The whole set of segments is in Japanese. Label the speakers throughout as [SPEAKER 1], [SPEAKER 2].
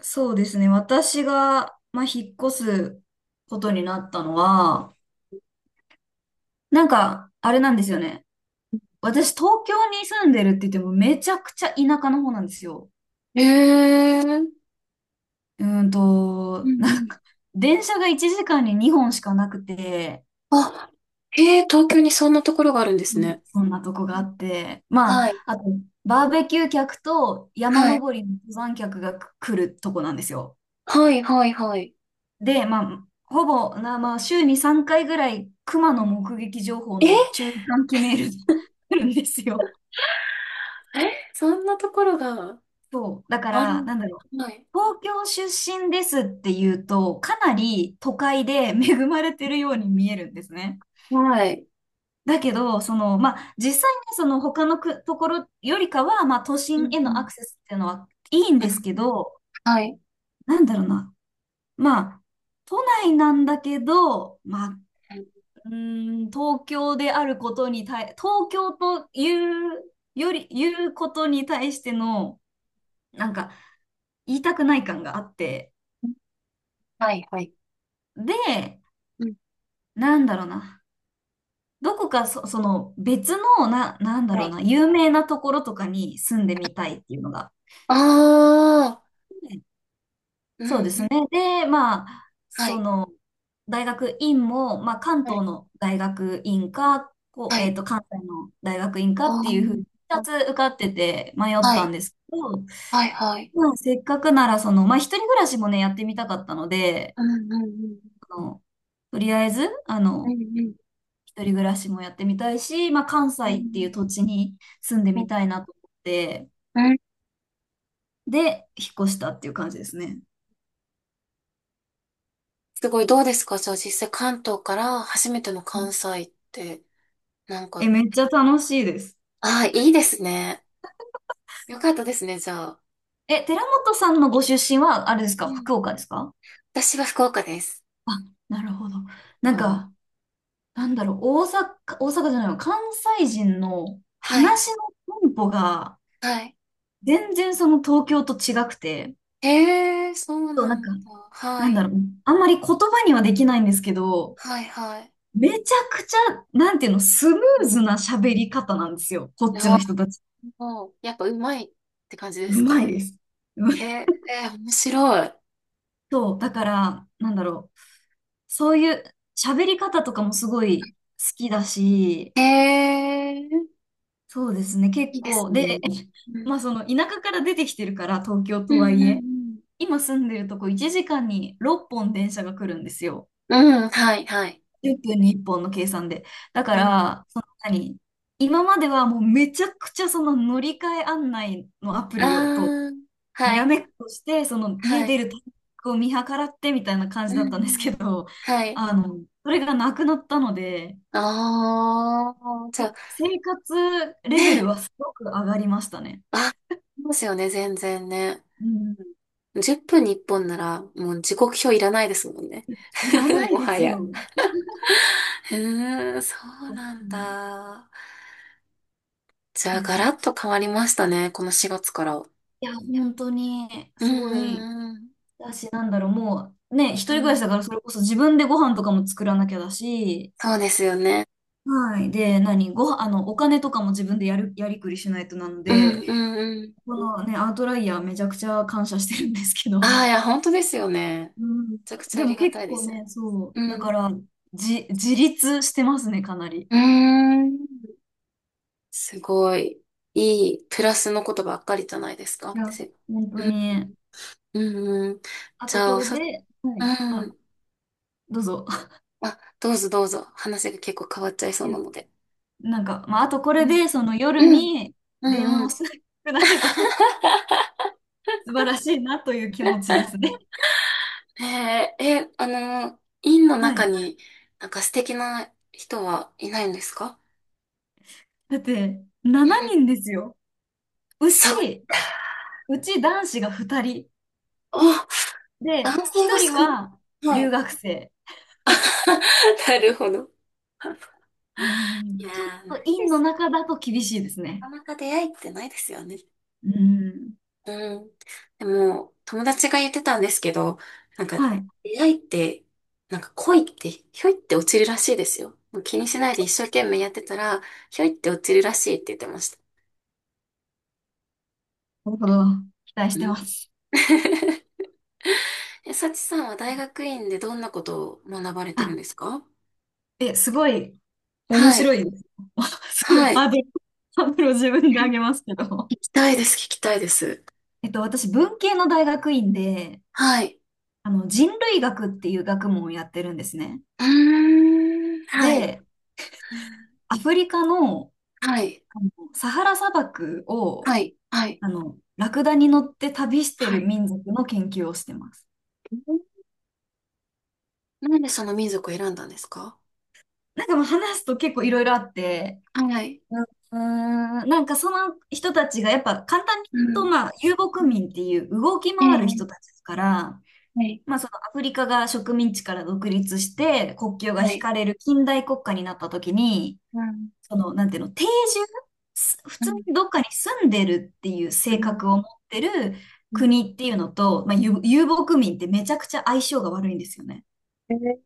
[SPEAKER 1] そうですね。私が、まあ、引っ越すことになったのは、なんか、あれなんですよね。私、東京に住んでるって言っても、めちゃくちゃ田舎の方なんですよ。
[SPEAKER 2] ええ、う
[SPEAKER 1] な
[SPEAKER 2] んう
[SPEAKER 1] ん
[SPEAKER 2] ん。
[SPEAKER 1] か、電車が1時間に2本しかなくて、
[SPEAKER 2] あ、へえ、東京にそんなところがあるんで
[SPEAKER 1] そ
[SPEAKER 2] すね。
[SPEAKER 1] そんなとこが
[SPEAKER 2] う
[SPEAKER 1] あ
[SPEAKER 2] ん。
[SPEAKER 1] って、ま
[SPEAKER 2] はい、
[SPEAKER 1] あ、あと、バーベキュー客と山
[SPEAKER 2] はい。
[SPEAKER 1] 登りの登山客が来るとこなんですよ。
[SPEAKER 2] はい、はい、はい。
[SPEAKER 1] で、まあ、ほぼな、まあ、週に3回ぐらい、熊
[SPEAKER 2] う
[SPEAKER 1] の
[SPEAKER 2] ん。
[SPEAKER 1] 目撃情報
[SPEAKER 2] え、
[SPEAKER 1] の注意喚起メールが 来るんですよ。
[SPEAKER 2] えそんなところが
[SPEAKER 1] そう。だか
[SPEAKER 2] あ
[SPEAKER 1] ら、
[SPEAKER 2] る。
[SPEAKER 1] なんだろう。
[SPEAKER 2] はい。
[SPEAKER 1] 東京出身ですって言うと、かなり都会で恵まれてるように見えるんですね。
[SPEAKER 2] はい。
[SPEAKER 1] だけど、その、まあ、実際ね、その他のくところよりかは、まあ、都
[SPEAKER 2] う
[SPEAKER 1] 心
[SPEAKER 2] ん
[SPEAKER 1] へ
[SPEAKER 2] う
[SPEAKER 1] のア
[SPEAKER 2] ん
[SPEAKER 1] クセスっていうのはいいん
[SPEAKER 2] う
[SPEAKER 1] です
[SPEAKER 2] ん、
[SPEAKER 1] けど、
[SPEAKER 2] はい。
[SPEAKER 1] なんだろうな。まあ、都内なんだけど、まあ、東京であることに対、東京というより、言うことに対しての、なんか、言いたくない感があって、
[SPEAKER 2] はい、はい。
[SPEAKER 1] で、
[SPEAKER 2] うん。
[SPEAKER 1] なんだろうな、どこかその別の、なんだ
[SPEAKER 2] は
[SPEAKER 1] ろう
[SPEAKER 2] い。
[SPEAKER 1] な、有名なところとかに住んでみたいっていうのが。
[SPEAKER 2] ああ、うん、
[SPEAKER 1] そうです
[SPEAKER 2] う
[SPEAKER 1] ね。
[SPEAKER 2] ん。
[SPEAKER 1] で、まあ、
[SPEAKER 2] は
[SPEAKER 1] そ
[SPEAKER 2] い、
[SPEAKER 1] の、大学院も、まあ、関
[SPEAKER 2] はい。
[SPEAKER 1] 東の大学院か、こ
[SPEAKER 2] は
[SPEAKER 1] う、
[SPEAKER 2] い。
[SPEAKER 1] 関西の大学院か
[SPEAKER 2] あ
[SPEAKER 1] っていうふう
[SPEAKER 2] ー、
[SPEAKER 1] に、2
[SPEAKER 2] あ、
[SPEAKER 1] つ受かってて迷っ
[SPEAKER 2] は
[SPEAKER 1] たん
[SPEAKER 2] い、
[SPEAKER 1] ですけど、
[SPEAKER 2] はい、はい。
[SPEAKER 1] まあ、せっかくなら、その、まあ、一人暮らしもね、やってみたかったので、
[SPEAKER 2] うん、うん、うん。
[SPEAKER 1] あの、とりあえず、あ
[SPEAKER 2] うん、
[SPEAKER 1] の、
[SPEAKER 2] うん。
[SPEAKER 1] 一人暮らしもやってみたいし、まあ、関
[SPEAKER 2] う
[SPEAKER 1] 西っていう
[SPEAKER 2] ん、
[SPEAKER 1] 土地に住んで
[SPEAKER 2] う
[SPEAKER 1] み
[SPEAKER 2] ん。
[SPEAKER 1] たいなと思って、
[SPEAKER 2] うん。
[SPEAKER 1] で、引っ越したっていう感じですね。
[SPEAKER 2] すごい、どうですか、じゃあ実際関東から初めての
[SPEAKER 1] う
[SPEAKER 2] 関
[SPEAKER 1] ん。
[SPEAKER 2] 西って、なん
[SPEAKER 1] え、
[SPEAKER 2] か。
[SPEAKER 1] めっちゃ楽しいです。
[SPEAKER 2] ああ、いいですね。よかったですね、じゃあ。
[SPEAKER 1] え、寺本さんのご出身は、あれです
[SPEAKER 2] う
[SPEAKER 1] か、
[SPEAKER 2] ん。
[SPEAKER 1] 福岡ですか？
[SPEAKER 2] 私は福岡です。
[SPEAKER 1] あ、なるほど。な
[SPEAKER 2] あ
[SPEAKER 1] ん
[SPEAKER 2] ー、
[SPEAKER 1] か、なんだろう、大阪、大阪じゃないの、関西人の
[SPEAKER 2] はい、
[SPEAKER 1] 話のテンポが、
[SPEAKER 2] はい。
[SPEAKER 1] 全然その東京と違くて、
[SPEAKER 2] へえ、そう
[SPEAKER 1] そう、な
[SPEAKER 2] な
[SPEAKER 1] ん
[SPEAKER 2] ん
[SPEAKER 1] か、
[SPEAKER 2] だ。
[SPEAKER 1] な
[SPEAKER 2] は
[SPEAKER 1] んだ
[SPEAKER 2] い、
[SPEAKER 1] ろう、あんまり言葉にはできないんですけど、
[SPEAKER 2] はい、はい。
[SPEAKER 1] めちゃくちゃ、なんていうの、スム
[SPEAKER 2] う
[SPEAKER 1] ーズ
[SPEAKER 2] ん。
[SPEAKER 1] な喋り方なんですよ、こっち
[SPEAKER 2] あ
[SPEAKER 1] の
[SPEAKER 2] あ、
[SPEAKER 1] 人たち。
[SPEAKER 2] やっぱうまいって感じで
[SPEAKER 1] う
[SPEAKER 2] す
[SPEAKER 1] まい
[SPEAKER 2] か？
[SPEAKER 1] です。うま
[SPEAKER 2] へ
[SPEAKER 1] い。
[SPEAKER 2] え、面白い。
[SPEAKER 1] そう、だから、なんだろう、そういう喋り方とかもすごい好きだし、
[SPEAKER 2] へえ、
[SPEAKER 1] そうですね、結
[SPEAKER 2] いいです
[SPEAKER 1] 構。で、
[SPEAKER 2] ね。う
[SPEAKER 1] ま
[SPEAKER 2] ん、
[SPEAKER 1] あその田舎から出てきてるから、東京
[SPEAKER 2] う
[SPEAKER 1] とは
[SPEAKER 2] ん、
[SPEAKER 1] い
[SPEAKER 2] う
[SPEAKER 1] え、
[SPEAKER 2] ん、
[SPEAKER 1] 今住んでるとこ1時間に6本電車が来るんですよ。
[SPEAKER 2] うん。うん、はい、はい。
[SPEAKER 1] 1分に1本の計算で。だか
[SPEAKER 2] うん。
[SPEAKER 1] ら、その今まではもうめちゃくちゃその乗り換え案内のアプ
[SPEAKER 2] あ
[SPEAKER 1] リをと、
[SPEAKER 2] あ、
[SPEAKER 1] に
[SPEAKER 2] は
[SPEAKER 1] ら
[SPEAKER 2] い、
[SPEAKER 1] めっこして、その家
[SPEAKER 2] は
[SPEAKER 1] 出
[SPEAKER 2] い。
[SPEAKER 1] るタイミングを見計らってみたいな感じ
[SPEAKER 2] う
[SPEAKER 1] だ
[SPEAKER 2] ん
[SPEAKER 1] っ
[SPEAKER 2] う
[SPEAKER 1] たんですけ
[SPEAKER 2] ん。
[SPEAKER 1] ど、
[SPEAKER 2] はい。
[SPEAKER 1] あの、それがなくなったので、
[SPEAKER 2] ああ、じゃ
[SPEAKER 1] ふ
[SPEAKER 2] あ、
[SPEAKER 1] 生活レベル
[SPEAKER 2] ね、
[SPEAKER 1] はすごく上がりましたね。
[SPEAKER 2] あ、そうですよね、全然ね。
[SPEAKER 1] うん。
[SPEAKER 2] 10分に1本なら、もう時刻表いらないですもんね。
[SPEAKER 1] いらな い
[SPEAKER 2] も
[SPEAKER 1] で
[SPEAKER 2] は
[SPEAKER 1] すよ。
[SPEAKER 2] や。
[SPEAKER 1] う
[SPEAKER 2] うーん、そうなん
[SPEAKER 1] ん、
[SPEAKER 2] だ。じゃあ、
[SPEAKER 1] で
[SPEAKER 2] ガ
[SPEAKER 1] すね。
[SPEAKER 2] ラッと変わりましたね、この4月から。うん
[SPEAKER 1] いや、本当に、す
[SPEAKER 2] うん
[SPEAKER 1] ごい、
[SPEAKER 2] うん。
[SPEAKER 1] だし、なんだろう、もう、ね、一人
[SPEAKER 2] う
[SPEAKER 1] 暮らしだ
[SPEAKER 2] ん、
[SPEAKER 1] から、それこそ自分でご飯とかも作らなきゃだし、
[SPEAKER 2] そうですよね。
[SPEAKER 1] はい。で、あの、お金とかも自分でやりくりしないとなの
[SPEAKER 2] うん
[SPEAKER 1] で、
[SPEAKER 2] うんうん
[SPEAKER 1] こ
[SPEAKER 2] うん。
[SPEAKER 1] のね、アウトライヤーめちゃくちゃ感謝してるんですけ
[SPEAKER 2] ああ、
[SPEAKER 1] ど。
[SPEAKER 2] いや、本当ですよね。め
[SPEAKER 1] うん。
[SPEAKER 2] ちゃくちゃ
[SPEAKER 1] で
[SPEAKER 2] あ
[SPEAKER 1] も
[SPEAKER 2] りが
[SPEAKER 1] 結
[SPEAKER 2] たいで
[SPEAKER 1] 構
[SPEAKER 2] すよ
[SPEAKER 1] ね、
[SPEAKER 2] ね。
[SPEAKER 1] そう、だ
[SPEAKER 2] う
[SPEAKER 1] か
[SPEAKER 2] ん。
[SPEAKER 1] ら、自立してますね、かなり。
[SPEAKER 2] うーん。すごい、いい、プラスのことばっかりじゃないですか。
[SPEAKER 1] いや、本当
[SPEAKER 2] うん、
[SPEAKER 1] に。
[SPEAKER 2] うん、うん。
[SPEAKER 1] あ
[SPEAKER 2] じ
[SPEAKER 1] と、こ
[SPEAKER 2] ゃあ、
[SPEAKER 1] れ
[SPEAKER 2] さ、
[SPEAKER 1] で、はい。
[SPEAKER 2] う
[SPEAKER 1] あ、
[SPEAKER 2] ん。
[SPEAKER 1] どうぞ。
[SPEAKER 2] あ、どうぞどうぞ。話が結構変わっちゃいそ
[SPEAKER 1] い
[SPEAKER 2] う
[SPEAKER 1] や、
[SPEAKER 2] なので。
[SPEAKER 1] なんか、まあ、あとこ
[SPEAKER 2] う
[SPEAKER 1] れ
[SPEAKER 2] ん。
[SPEAKER 1] で、その夜
[SPEAKER 2] うん。
[SPEAKER 1] に
[SPEAKER 2] う
[SPEAKER 1] 電
[SPEAKER 2] ん
[SPEAKER 1] 話
[SPEAKER 2] う
[SPEAKER 1] を
[SPEAKER 2] ん。
[SPEAKER 1] しなくなれば 素 晴らしいなという気持ちですね。
[SPEAKER 2] えー、え、あの、院の
[SPEAKER 1] は
[SPEAKER 2] 中
[SPEAKER 1] い。
[SPEAKER 2] になんか素敵な人はいないんですか？
[SPEAKER 1] だって、
[SPEAKER 2] うん。
[SPEAKER 1] 7人ですよ。う
[SPEAKER 2] そっ
[SPEAKER 1] ち、うち男子が2人。
[SPEAKER 2] お、
[SPEAKER 1] で、
[SPEAKER 2] 男性
[SPEAKER 1] 1
[SPEAKER 2] が
[SPEAKER 1] 人
[SPEAKER 2] 少な
[SPEAKER 1] は
[SPEAKER 2] い。は
[SPEAKER 1] 留
[SPEAKER 2] い。
[SPEAKER 1] 学生。
[SPEAKER 2] なるほど。
[SPEAKER 1] う
[SPEAKER 2] いや
[SPEAKER 1] ん、ちょっ
[SPEAKER 2] ー、
[SPEAKER 1] と
[SPEAKER 2] ないで
[SPEAKER 1] 院の
[SPEAKER 2] すよ。
[SPEAKER 1] 中だと厳しいですね。
[SPEAKER 2] なかなか出会いってないですよね。
[SPEAKER 1] うん。
[SPEAKER 2] うん。でも、友達が言ってたんですけど、なんか、
[SPEAKER 1] はい。
[SPEAKER 2] 出会いって、なんか恋って、ひょいって落ちるらしいですよ。もう気にしないで一生懸命やってたら、ひょいって落ちるらしいって言ってました。
[SPEAKER 1] なるほど。期待し
[SPEAKER 2] う
[SPEAKER 1] てま
[SPEAKER 2] ん。
[SPEAKER 1] す。
[SPEAKER 2] え、サチさんは大学院でどんなことを学ばれてるん
[SPEAKER 1] あ、
[SPEAKER 2] ですか？
[SPEAKER 1] え、すごい面
[SPEAKER 2] は
[SPEAKER 1] 白
[SPEAKER 2] い。
[SPEAKER 1] いです。すごい
[SPEAKER 2] はい。
[SPEAKER 1] ハードルを自分で上げますけど。
[SPEAKER 2] 聞きたいです、聞きたいです。
[SPEAKER 1] 私、文系の大学院で、
[SPEAKER 2] はい。
[SPEAKER 1] あの、人類学っていう学問をやってるんですね。
[SPEAKER 2] うーん。はい。
[SPEAKER 1] で、アフリカの、
[SPEAKER 2] はい。
[SPEAKER 1] あのサハラ砂漠を、
[SPEAKER 2] はい。はい。
[SPEAKER 1] あの、ラクダに乗って旅して
[SPEAKER 2] は
[SPEAKER 1] る
[SPEAKER 2] い。
[SPEAKER 1] 民族の研究をしてます。
[SPEAKER 2] なんでその民族を選んだんですか？
[SPEAKER 1] なんかもう話すと結構いろいろあって、
[SPEAKER 2] はい。
[SPEAKER 1] うんうん、なんかその人たちがやっぱ簡単に
[SPEAKER 2] う
[SPEAKER 1] 言うと、
[SPEAKER 2] ん。
[SPEAKER 1] まあ、遊牧
[SPEAKER 2] うん。
[SPEAKER 1] 民っていう動き
[SPEAKER 2] え
[SPEAKER 1] 回
[SPEAKER 2] え、
[SPEAKER 1] る人たちですから、
[SPEAKER 2] はい、
[SPEAKER 1] まあ、そのアフリカが植民地から独立して国境が
[SPEAKER 2] は
[SPEAKER 1] 引
[SPEAKER 2] い。
[SPEAKER 1] かれる近代国家になった時に、
[SPEAKER 2] うん、
[SPEAKER 1] その、なんていうの、定住、す普
[SPEAKER 2] う
[SPEAKER 1] 通
[SPEAKER 2] ん、
[SPEAKER 1] にどっかに住んでるっていう
[SPEAKER 2] う
[SPEAKER 1] 性
[SPEAKER 2] ん、
[SPEAKER 1] 格を持ってる
[SPEAKER 2] うん。
[SPEAKER 1] 国っていうのと、まあ、遊牧民ってめちゃくちゃ相性が悪いんですよね。
[SPEAKER 2] えー、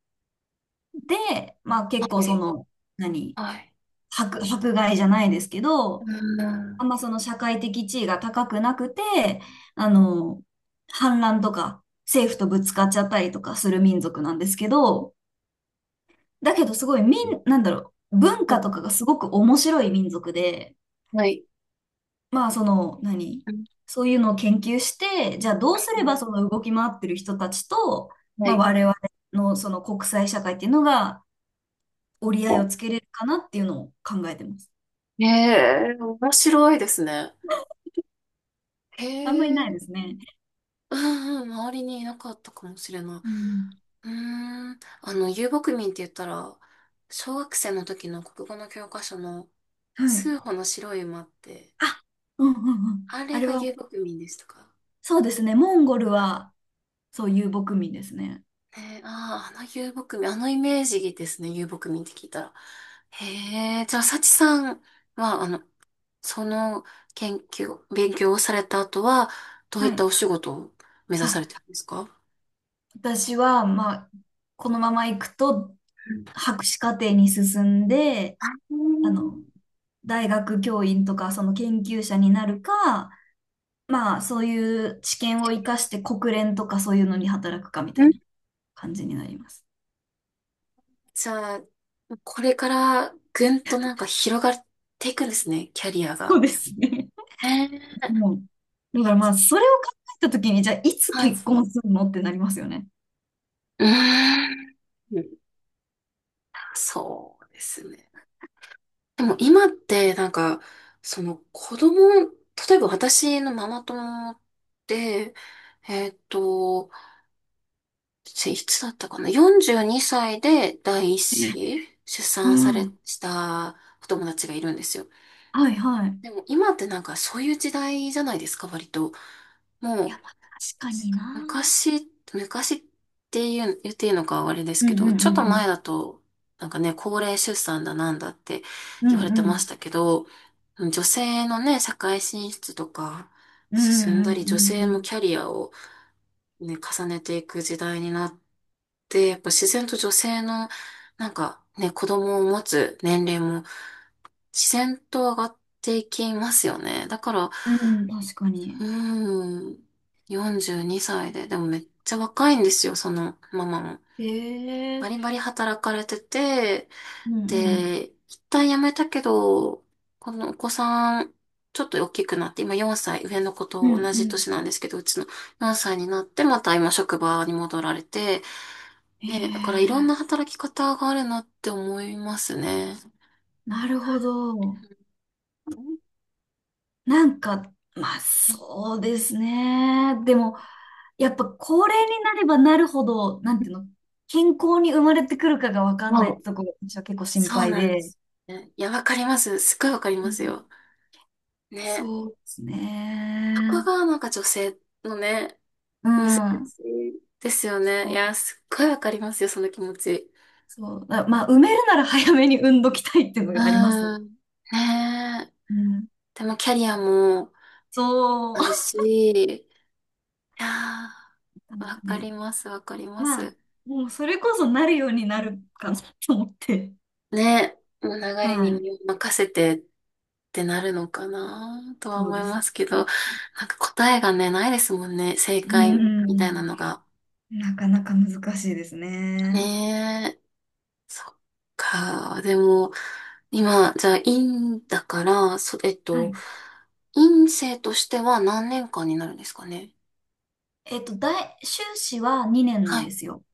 [SPEAKER 1] で、まあ
[SPEAKER 2] は
[SPEAKER 1] 結構そ
[SPEAKER 2] い、
[SPEAKER 1] の、何、
[SPEAKER 2] はい。
[SPEAKER 1] 迫害じゃないですけど、
[SPEAKER 2] う
[SPEAKER 1] あん
[SPEAKER 2] ん、
[SPEAKER 1] まその社会的地位が高くなくて、あの、反乱とか政府とぶつかっちゃったりとかする民族なんですけど、だけどすごいなんだろう、文
[SPEAKER 2] う
[SPEAKER 1] 化と
[SPEAKER 2] ん、
[SPEAKER 1] かがすごく面白い民族で、
[SPEAKER 2] はい。
[SPEAKER 1] まあ、その、
[SPEAKER 2] うん、う
[SPEAKER 1] そういうのを研究して、じゃあどうすればそ
[SPEAKER 2] ん。
[SPEAKER 1] の動き回ってる人たちと、
[SPEAKER 2] は
[SPEAKER 1] まあ、
[SPEAKER 2] い。
[SPEAKER 1] 我々のその国際社会っていうのが折り合いをつけれるかなっていうのを考えてます。
[SPEAKER 2] ええ、面白いですね。へ
[SPEAKER 1] あんまりない
[SPEAKER 2] え。
[SPEAKER 1] ですね。
[SPEAKER 2] うんうん、周りにいなかったかもしれない。
[SPEAKER 1] うん。
[SPEAKER 2] うーん、あの、遊牧民って言ったら、小学生の時の国語の教科書の、
[SPEAKER 1] はい。
[SPEAKER 2] 数歩の白い馬って、
[SPEAKER 1] あ、うんうんうん。
[SPEAKER 2] あ
[SPEAKER 1] あ
[SPEAKER 2] れ
[SPEAKER 1] れ
[SPEAKER 2] が
[SPEAKER 1] は、
[SPEAKER 2] 遊牧民でしたか？
[SPEAKER 1] そうですね。モンゴルは、そう遊牧民ですね。
[SPEAKER 2] えー、ああ、あの遊牧民、あのイメージですね、遊牧民って聞いたら。へえ、じゃあ、幸さんは、あの、その研究、勉強をされた後は、どういっ
[SPEAKER 1] は
[SPEAKER 2] た
[SPEAKER 1] い。
[SPEAKER 2] お仕事を目指
[SPEAKER 1] あ、
[SPEAKER 2] されてるんですか？
[SPEAKER 1] 私は、まあ、このまま行くと、博士課程に進んで、
[SPEAKER 2] う
[SPEAKER 1] あ
[SPEAKER 2] ん。
[SPEAKER 1] の、大学教員とかその研究者になるか、まあそういう知見を生かして国連とかそういうのに働くかみた
[SPEAKER 2] う
[SPEAKER 1] い
[SPEAKER 2] ん。
[SPEAKER 1] な感じになります。
[SPEAKER 2] じゃあ、これからぐんとなんか広がっていくんですね、キャリア
[SPEAKER 1] そう
[SPEAKER 2] が。
[SPEAKER 1] ですね。
[SPEAKER 2] ねえ。
[SPEAKER 1] もう、だからまあそれを考えたときに、じゃあいつ
[SPEAKER 2] はい。
[SPEAKER 1] 結婚するのってなりますよね。
[SPEAKER 2] うーん。そうですね。でも今ってなんか、その子供、例えば私のママ友で、えっと、いつだったかな？ 42 歳で第一子出
[SPEAKER 1] う
[SPEAKER 2] 産され、
[SPEAKER 1] ん。
[SPEAKER 2] したお友達がいるんですよ。
[SPEAKER 1] はいはい。
[SPEAKER 2] でも今ってなんかそういう時代じゃないですか、割と。も
[SPEAKER 1] いや、
[SPEAKER 2] う
[SPEAKER 1] まあ確かにな。
[SPEAKER 2] 昔、昔っていう、言っていいのかあれです
[SPEAKER 1] うん
[SPEAKER 2] けど、ちょっと
[SPEAKER 1] う
[SPEAKER 2] 前
[SPEAKER 1] ん
[SPEAKER 2] だと、なんかね、高齢出産だなんだって
[SPEAKER 1] うん
[SPEAKER 2] 言
[SPEAKER 1] う
[SPEAKER 2] われ
[SPEAKER 1] ん。う
[SPEAKER 2] て
[SPEAKER 1] んう
[SPEAKER 2] まし
[SPEAKER 1] ん。
[SPEAKER 2] たけど、女性のね、社会進出とか
[SPEAKER 1] うんう
[SPEAKER 2] 進んだり、
[SPEAKER 1] んう
[SPEAKER 2] 女性も
[SPEAKER 1] ん
[SPEAKER 2] キャリアをね、重ねていく時代になって、やっぱ自然と女性の、なんかね、子供を持つ年齢も自然と上がっていきますよね。だから、
[SPEAKER 1] うん。うん、確かに。
[SPEAKER 2] うん。42歳で。でもめっちゃ若いんですよ、そのママも。
[SPEAKER 1] え
[SPEAKER 2] バリ
[SPEAKER 1] え、
[SPEAKER 2] バリ働かれてて、
[SPEAKER 1] うんうん。
[SPEAKER 2] で、一旦辞めたけど、このお子さん、ちょっと大きくなって、今4歳、上の子
[SPEAKER 1] う
[SPEAKER 2] と
[SPEAKER 1] ん
[SPEAKER 2] 同
[SPEAKER 1] う
[SPEAKER 2] じ
[SPEAKER 1] ん。
[SPEAKER 2] 年なんですけど、うちの4歳になって、また今職場に戻られて、ね、だからいろんな
[SPEAKER 1] ええ、
[SPEAKER 2] 働き方があるなって思いますね。
[SPEAKER 1] なるほど。なんか、まあそうですね。でも、やっぱ高齢になればなるほど、なんていうの、健康に生まれてくるかがわかんないっ
[SPEAKER 2] も
[SPEAKER 1] て
[SPEAKER 2] う、
[SPEAKER 1] とこが私は結構心
[SPEAKER 2] そう
[SPEAKER 1] 配
[SPEAKER 2] なんで
[SPEAKER 1] で。
[SPEAKER 2] す。ね、いや、わかります。すっごいわかり
[SPEAKER 1] う
[SPEAKER 2] ます
[SPEAKER 1] ん、
[SPEAKER 2] よ。ね。
[SPEAKER 1] そうです
[SPEAKER 2] そこ
[SPEAKER 1] ね。
[SPEAKER 2] がなんか女性のね、
[SPEAKER 1] う
[SPEAKER 2] 難しい
[SPEAKER 1] ん。
[SPEAKER 2] ですよね。い
[SPEAKER 1] そう、
[SPEAKER 2] や、すっごいわかりますよ、その気持ち。
[SPEAKER 1] そう。まあ、埋めるなら早めに産んどきたいっていうのがありますね。
[SPEAKER 2] うん。ねえ。
[SPEAKER 1] うん、
[SPEAKER 2] でもキャリアも
[SPEAKER 1] そ
[SPEAKER 2] ある
[SPEAKER 1] う。
[SPEAKER 2] し、いや
[SPEAKER 1] なん
[SPEAKER 2] ー、わ
[SPEAKER 1] か
[SPEAKER 2] か
[SPEAKER 1] ね、
[SPEAKER 2] ります、わかりま
[SPEAKER 1] まあ、
[SPEAKER 2] す。
[SPEAKER 1] もうそれこそなるようになるかなと思って。
[SPEAKER 2] ねえ、もう流れ
[SPEAKER 1] は
[SPEAKER 2] に
[SPEAKER 1] い。
[SPEAKER 2] 身を任せてってなるのかなとは
[SPEAKER 1] そう
[SPEAKER 2] 思
[SPEAKER 1] で
[SPEAKER 2] い
[SPEAKER 1] す。
[SPEAKER 2] ますけど、なんか答えがね、ないですもんね、正
[SPEAKER 1] う
[SPEAKER 2] 解みたいな
[SPEAKER 1] ん。
[SPEAKER 2] のが。
[SPEAKER 1] なかなか難しいですね。
[SPEAKER 2] ねえ。そっか。でも、今、じゃあ、院だから、そ、えっ
[SPEAKER 1] は
[SPEAKER 2] と、
[SPEAKER 1] い。
[SPEAKER 2] 院生としては何年間になるんですかね。
[SPEAKER 1] 修士は2年な
[SPEAKER 2] は
[SPEAKER 1] んで
[SPEAKER 2] い。
[SPEAKER 1] すよ。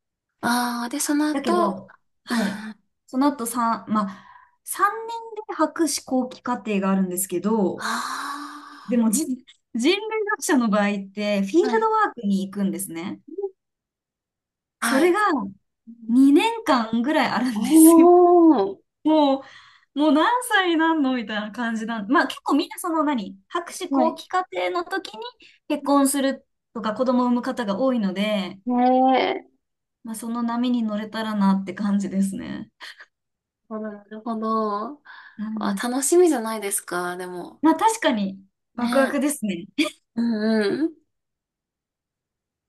[SPEAKER 2] ああ、で、その
[SPEAKER 1] だけ
[SPEAKER 2] 後、
[SPEAKER 1] ど、
[SPEAKER 2] うん。
[SPEAKER 1] はい。
[SPEAKER 2] あ
[SPEAKER 1] その後3、まあ、年で博士後期課程があるんですけど、
[SPEAKER 2] あ、
[SPEAKER 1] でも人類学者の場合って、フィール
[SPEAKER 2] はい。
[SPEAKER 1] ドワークに行くんですね。そ
[SPEAKER 2] は
[SPEAKER 1] れ
[SPEAKER 2] い。
[SPEAKER 1] が2年間ぐらいある
[SPEAKER 2] お
[SPEAKER 1] んですよ。
[SPEAKER 2] ー。
[SPEAKER 1] ももう何歳になんのみたいな感じなん。まあ結構みんなその博士
[SPEAKER 2] は
[SPEAKER 1] 後
[SPEAKER 2] い。
[SPEAKER 1] 期課程の時に結婚するとか子供を産む方が多いので、
[SPEAKER 2] ねえ。
[SPEAKER 1] まあその波に乗れたらなって感じですね。
[SPEAKER 2] なるほど。なるほど。
[SPEAKER 1] う
[SPEAKER 2] あ、
[SPEAKER 1] ん。
[SPEAKER 2] 楽しみじゃないですか、でも。
[SPEAKER 1] まあ確かにワクワ
[SPEAKER 2] ね
[SPEAKER 1] ク
[SPEAKER 2] え。
[SPEAKER 1] ですね。
[SPEAKER 2] うんうん。